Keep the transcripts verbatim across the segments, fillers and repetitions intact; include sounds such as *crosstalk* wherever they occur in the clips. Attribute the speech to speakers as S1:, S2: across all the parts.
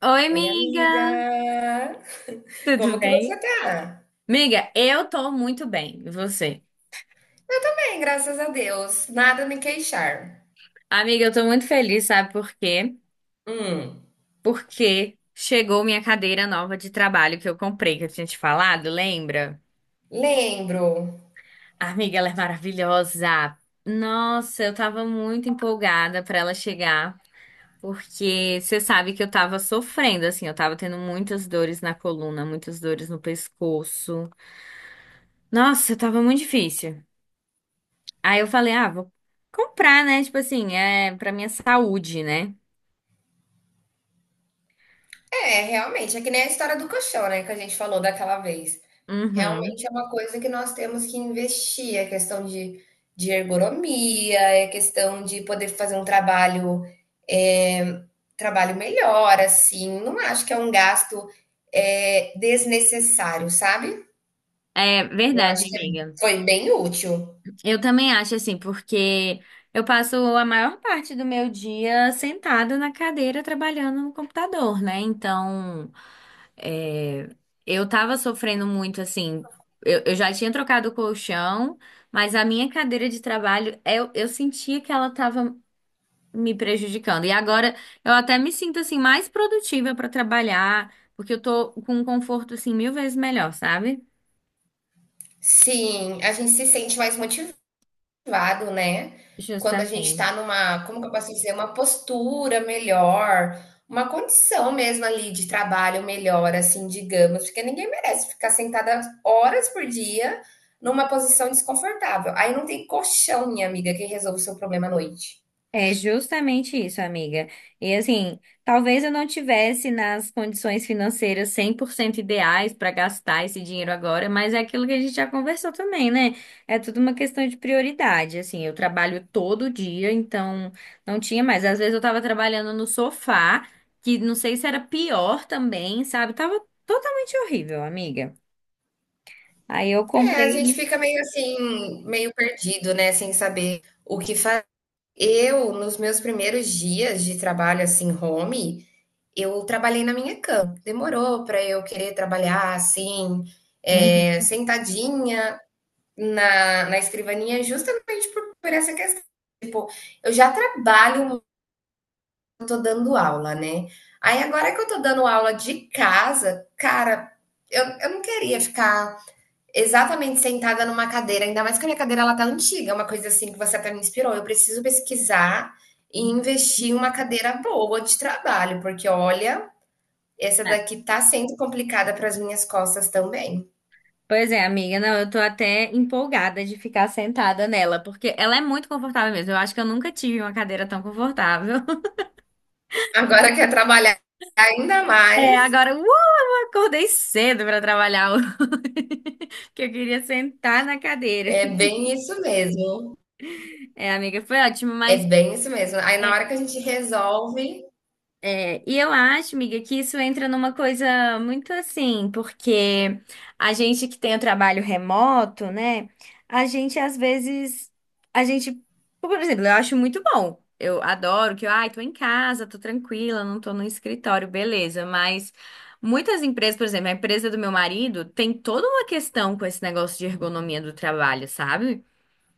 S1: Oi,
S2: Oi,
S1: amiga!
S2: amiga! *laughs*
S1: Tudo
S2: Como que você
S1: bem?
S2: tá?
S1: Amiga, eu tô muito bem, e você?
S2: Eu também, graças a Deus. Nada a me queixar.
S1: Amiga, eu tô muito feliz, sabe por quê?
S2: Hum,
S1: Porque chegou minha cadeira nova de trabalho que eu comprei, que eu tinha te falado, lembra?
S2: lembro.
S1: Amiga, ela é maravilhosa! Nossa, eu tava muito empolgada pra ela chegar, porque você sabe que eu tava sofrendo, assim, eu tava tendo muitas dores na coluna, muitas dores no pescoço. Nossa, tava muito difícil. Aí eu falei, ah, vou comprar, né? Tipo assim, é pra minha saúde, né?
S2: É, realmente, é que nem a história do colchão, né, que a gente falou daquela vez.
S1: Uhum.
S2: Realmente é uma coisa que nós temos que investir, é questão de, de ergonomia, é questão de poder fazer um trabalho, é, trabalho melhor, assim. Não acho que é um gasto, é, desnecessário, sabe?
S1: É
S2: Eu
S1: verdade,
S2: acho que é,
S1: amiga.
S2: foi bem útil.
S1: Eu também acho assim, porque eu passo a maior parte do meu dia sentada na cadeira trabalhando no computador, né? Então, é, eu tava sofrendo muito assim. Eu, eu já tinha trocado o colchão, mas a minha cadeira de trabalho, eu, eu sentia que ela tava me prejudicando. E agora eu até me sinto assim mais produtiva para trabalhar, porque eu tô com um conforto assim mil vezes melhor, sabe?
S2: Sim, a gente se sente mais motivado, né? Quando a gente
S1: Justamente.
S2: está numa, como que eu posso dizer, uma postura melhor, uma condição mesmo ali de trabalho melhor, assim, digamos, porque ninguém merece ficar sentada horas por dia numa posição desconfortável. Aí não tem colchão, minha amiga, que resolve o seu problema à noite.
S1: É justamente isso, amiga. E assim, talvez eu não tivesse nas condições financeiras cem por cento ideais para gastar esse dinheiro agora, mas é aquilo que a gente já conversou também, né? É tudo uma questão de prioridade. Assim, eu trabalho todo dia, então não tinha mais. Às vezes eu tava trabalhando no sofá, que não sei se era pior também, sabe? Tava totalmente horrível, amiga. Aí eu
S2: É, a gente
S1: comprei.
S2: fica meio assim, meio perdido, né? Sem saber o que fazer. Eu, nos meus primeiros dias de trabalho, assim, home, eu trabalhei na minha cama. Demorou para eu querer trabalhar assim, eh,
S1: Uhum.
S2: sentadinha na, na escrivaninha, justamente por, por essa questão. Tipo, eu já trabalho, muito, eu tô dando aula, né? Aí agora que eu tô dando aula de casa, cara, eu, eu não queria ficar exatamente sentada numa cadeira, ainda mais que a minha cadeira ela tá antiga, é uma coisa assim que você até me inspirou. Eu preciso pesquisar e investir em uma cadeira boa de trabalho, porque olha, essa daqui tá sendo complicada para as minhas costas também.
S1: Pois é, amiga, não, eu tô até empolgada de ficar sentada nela, porque ela é muito confortável mesmo. Eu acho que eu nunca tive uma cadeira tão confortável. *laughs*
S2: Agora quer trabalhar ainda
S1: É,
S2: mais.
S1: agora, uh, acordei cedo pra trabalhar, hoje, *laughs* que eu queria sentar na cadeira.
S2: É bem isso mesmo.
S1: É, amiga, foi ótimo,
S2: É
S1: mas é,
S2: bem isso mesmo. Aí na hora que a gente resolve,
S1: é, e eu acho, amiga, que isso entra numa coisa muito assim, porque a gente que tem o trabalho remoto, né? A gente às vezes, a gente, por exemplo, eu acho muito bom. Eu adoro que eu, ai, tô em casa, tô tranquila, não tô no escritório, beleza. Mas muitas empresas, por exemplo, a empresa do meu marido tem toda uma questão com esse negócio de ergonomia do trabalho, sabe?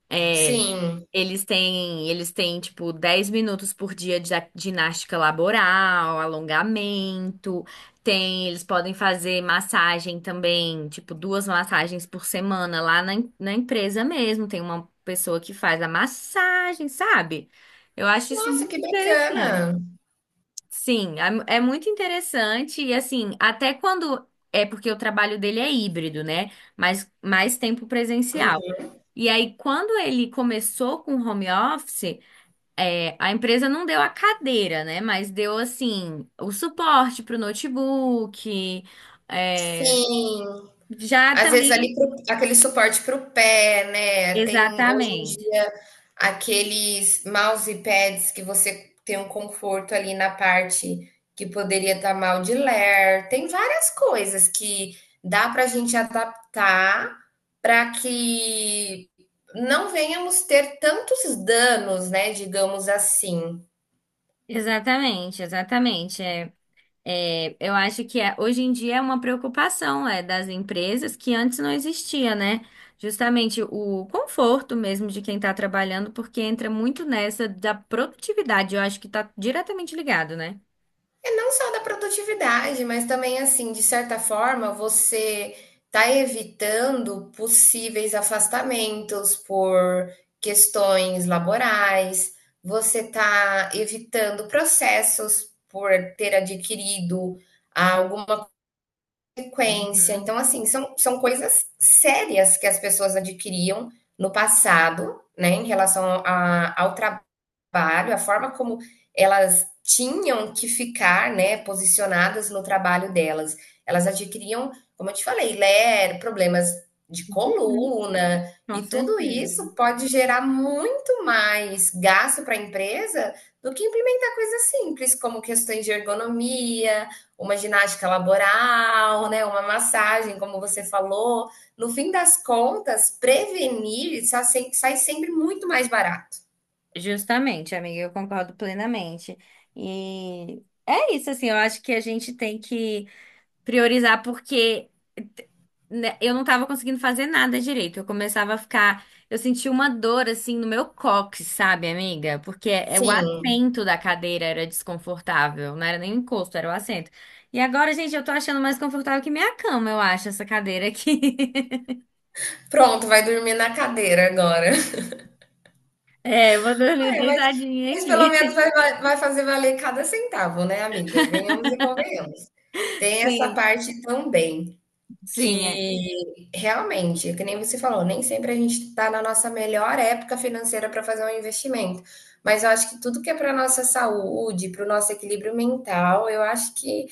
S1: É,
S2: sim.
S1: eles têm, eles têm, tipo, dez minutos por dia de a- ginástica laboral, alongamento. Tem, eles podem fazer massagem também, tipo, duas massagens por semana lá na, em- na empresa mesmo. Tem uma pessoa que faz a massagem, sabe? Eu acho isso
S2: Nossa,
S1: muito
S2: que
S1: interessante.
S2: bacana.
S1: Sim, é, é muito interessante. E assim, até quando. É porque o trabalho dele é híbrido, né? Mas mais tempo presencial. E aí, quando ele começou com o home office, é, a empresa não deu a cadeira, né? Mas deu, assim, o suporte para o notebook. É,
S2: Sim.
S1: já
S2: Às vezes
S1: também.
S2: ali pro aquele suporte para o pé, né, tem hoje em
S1: Exatamente.
S2: dia aqueles mousepads que você tem um conforto ali na parte que poderia estar mal de ler, tem várias coisas que dá para a gente adaptar para que não venhamos ter tantos danos, né, digamos assim.
S1: Exatamente, exatamente. É, é, eu acho que é- hoje em dia é uma preocupação é, das empresas que antes não existia, né? Justamente o conforto mesmo de quem está trabalhando, porque entra muito nessa da produtividade. Eu acho que está diretamente ligado, né?
S2: É não só da produtividade, mas também assim, de certa forma, você está evitando possíveis afastamentos por questões laborais, você está evitando processos por ter adquirido alguma consequência.
S1: Uhum.
S2: Então, assim, são, são coisas sérias que as pessoas adquiriam no passado, né, em relação a- ao trabalho trabalho, a forma como elas tinham que ficar, né, posicionadas no trabalho delas. Elas adquiriam, como eu te falei, LER, problemas de
S1: Hum.
S2: coluna,
S1: Com
S2: e tudo
S1: certeza.
S2: isso pode gerar muito mais gasto para a empresa do que implementar coisas simples, como questões de ergonomia, uma ginástica laboral, né, uma massagem, como você falou. No fim das contas, prevenir sai sempre muito mais barato.
S1: Justamente, amiga, eu concordo plenamente. E é isso, assim, eu acho que a gente tem que priorizar, porque né, eu não tava conseguindo fazer nada direito. Eu começava a ficar. Eu senti uma dor, assim, no meu cóccix, sabe, amiga? Porque é, o
S2: Sim.
S1: assento da cadeira era desconfortável, não era nem o encosto, era o assento. E agora, gente, eu tô achando mais confortável que minha cama, eu acho, essa cadeira aqui. *laughs*
S2: Pronto, vai dormir na cadeira agora. *laughs*
S1: É, eu vou dormir
S2: É, mas,
S1: deitadinha
S2: mas pelo
S1: aqui.
S2: menos vai, vai- vai fazer valer cada centavo, né, amiga? Venhamos e convenhamos.
S1: *laughs*
S2: Tem essa
S1: Sim,
S2: parte também
S1: sim, é,
S2: que realmente, que nem você falou, nem sempre a gente está na nossa melhor época financeira para fazer um investimento. Mas eu acho que tudo que é para nossa saúde, para o nosso equilíbrio mental, eu acho que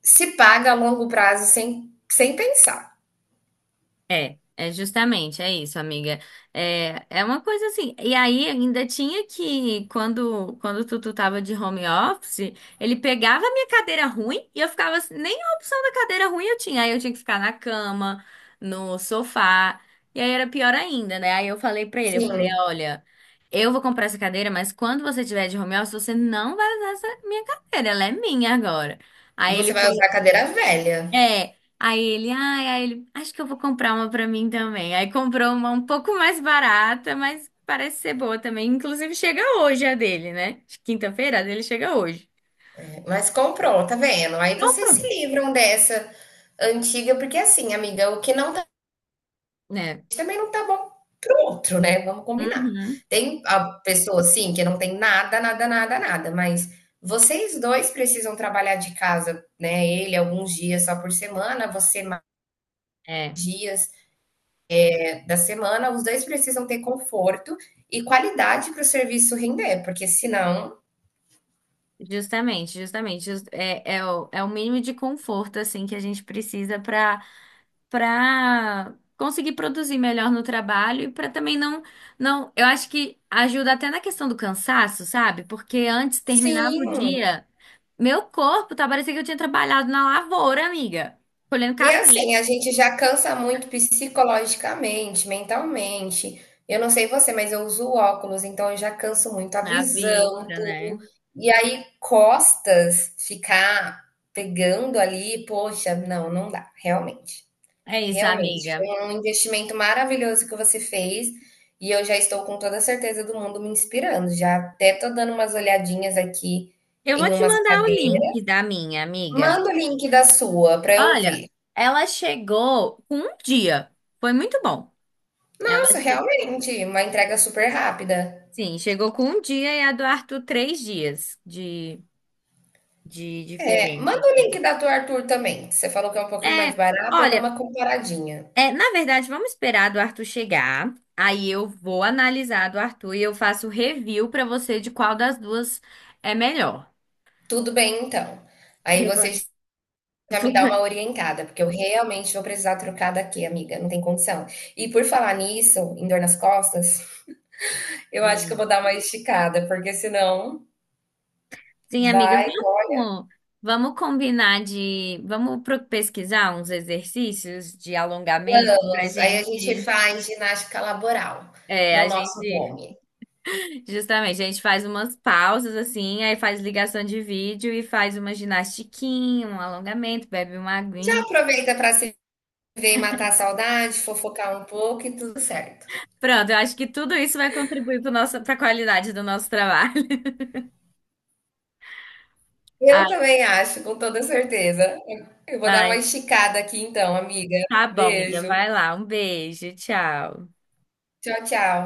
S2: se paga a longo prazo sem, sem pensar.
S1: é, é justamente, é isso, amiga. É, é uma coisa assim. E aí ainda tinha que, quando, quando o Tutu tava de home office, ele pegava a minha cadeira ruim e eu ficava assim, nem a opção da cadeira ruim eu tinha. Aí eu tinha que ficar na cama, no sofá. E aí era pior ainda, né? Aí eu falei pra ele, eu falei,
S2: Sim,
S1: olha, eu vou comprar essa cadeira, mas quando você tiver de home office, você não vai usar essa minha cadeira, ela é minha agora. Aí ele
S2: você vai
S1: foi
S2: usar a cadeira velha.
S1: é, aí ele, ai, aí ele, acho que eu vou comprar uma pra mim também. Aí comprou uma um pouco mais barata, mas parece ser boa também. Inclusive chega hoje a dele, né? Quinta-feira a dele chega hoje.
S2: Mas comprou, tá vendo? Aí vocês se
S1: Compro,
S2: livram dessa antiga, porque assim, amiga, o que não tá
S1: né?
S2: também não tá bom pro outro, né? Vamos combinar.
S1: Uhum.
S2: Tem a pessoa assim que não tem nada, nada, nada, nada, mas vocês dois precisam trabalhar de casa, né? Ele alguns dias só por semana, você mais
S1: É,
S2: dias eh, da semana, os dois precisam ter conforto e qualidade para o serviço render, porque senão,
S1: justamente, justamente. Jus- É, é, o, é o mínimo de conforto assim que a gente precisa para para conseguir produzir melhor no trabalho e para também não, não, eu acho que ajuda até na questão do cansaço, sabe? Porque antes terminava o
S2: sim.
S1: dia, meu corpo tá parecendo que eu tinha trabalhado na lavoura, amiga, colhendo
S2: E
S1: café
S2: assim, a gente já cansa muito psicologicamente, mentalmente. Eu não sei você, mas eu uso óculos, então eu já canso muito a
S1: na
S2: visão,
S1: vista,
S2: tudo.
S1: né?
S2: E aí, costas, ficar pegando ali, poxa, não, não dá, realmente.
S1: É isso,
S2: Realmente,
S1: amiga.
S2: foi um investimento maravilhoso que você fez e eu já estou com toda a certeza do mundo me inspirando. Já até tô dando umas olhadinhas aqui
S1: Eu vou
S2: em
S1: te
S2: umas
S1: mandar o link
S2: cadeiras.
S1: da minha amiga.
S2: Manda o link da sua para eu ver.
S1: Olha, ela chegou com um dia. Foi muito bom. Ela,
S2: Nossa,
S1: che-
S2: realmente, uma entrega super rápida.
S1: sim, chegou com um dia e a do Arthur três dias de de
S2: É, manda
S1: diferença.
S2: o link da tua Arthur também. Você falou que é um pouquinho mais
S1: É,
S2: barato, eu dou
S1: olha,
S2: uma comparadinha.
S1: é, na verdade, vamos esperar do Arthur chegar. Aí eu vou analisar do Arthur e eu faço review pra você de qual das duas é melhor.
S2: Tudo bem, então. Aí
S1: Eu
S2: você
S1: vou-
S2: já me dá uma
S1: *laughs*
S2: orientada, porque eu realmente vou precisar trocar daqui, amiga. Não tem condição. E por falar nisso, em dor nas costas, eu acho que eu
S1: Hum.
S2: vou dar uma esticada, porque senão
S1: Sim, amiga,
S2: vai.
S1: vamos, vamos combinar de, vamos pro- pesquisar uns exercícios de alongamento pra
S2: Aí a gente
S1: gente,
S2: faz ginástica laboral
S1: é, a
S2: no nosso
S1: gente,
S2: home.
S1: *laughs* justamente, a gente faz umas pausas assim, aí faz ligação de vídeo e faz uma ginastiquinha, um alongamento, bebe uma
S2: Já
S1: aguinha.
S2: aproveita para se ver e matar a saudade, fofocar um pouco e tudo certo.
S1: Pronto, eu acho que tudo isso vai contribuir para a qualidade do nosso trabalho. *laughs*
S2: Eu
S1: Ai,
S2: também acho, com toda certeza. Eu vou dar uma
S1: ai.
S2: esticada aqui então, amiga.
S1: Tá bom, amiga.
S2: Beijo.
S1: Vai lá. Um beijo. Tchau.
S2: Tchau, tchau.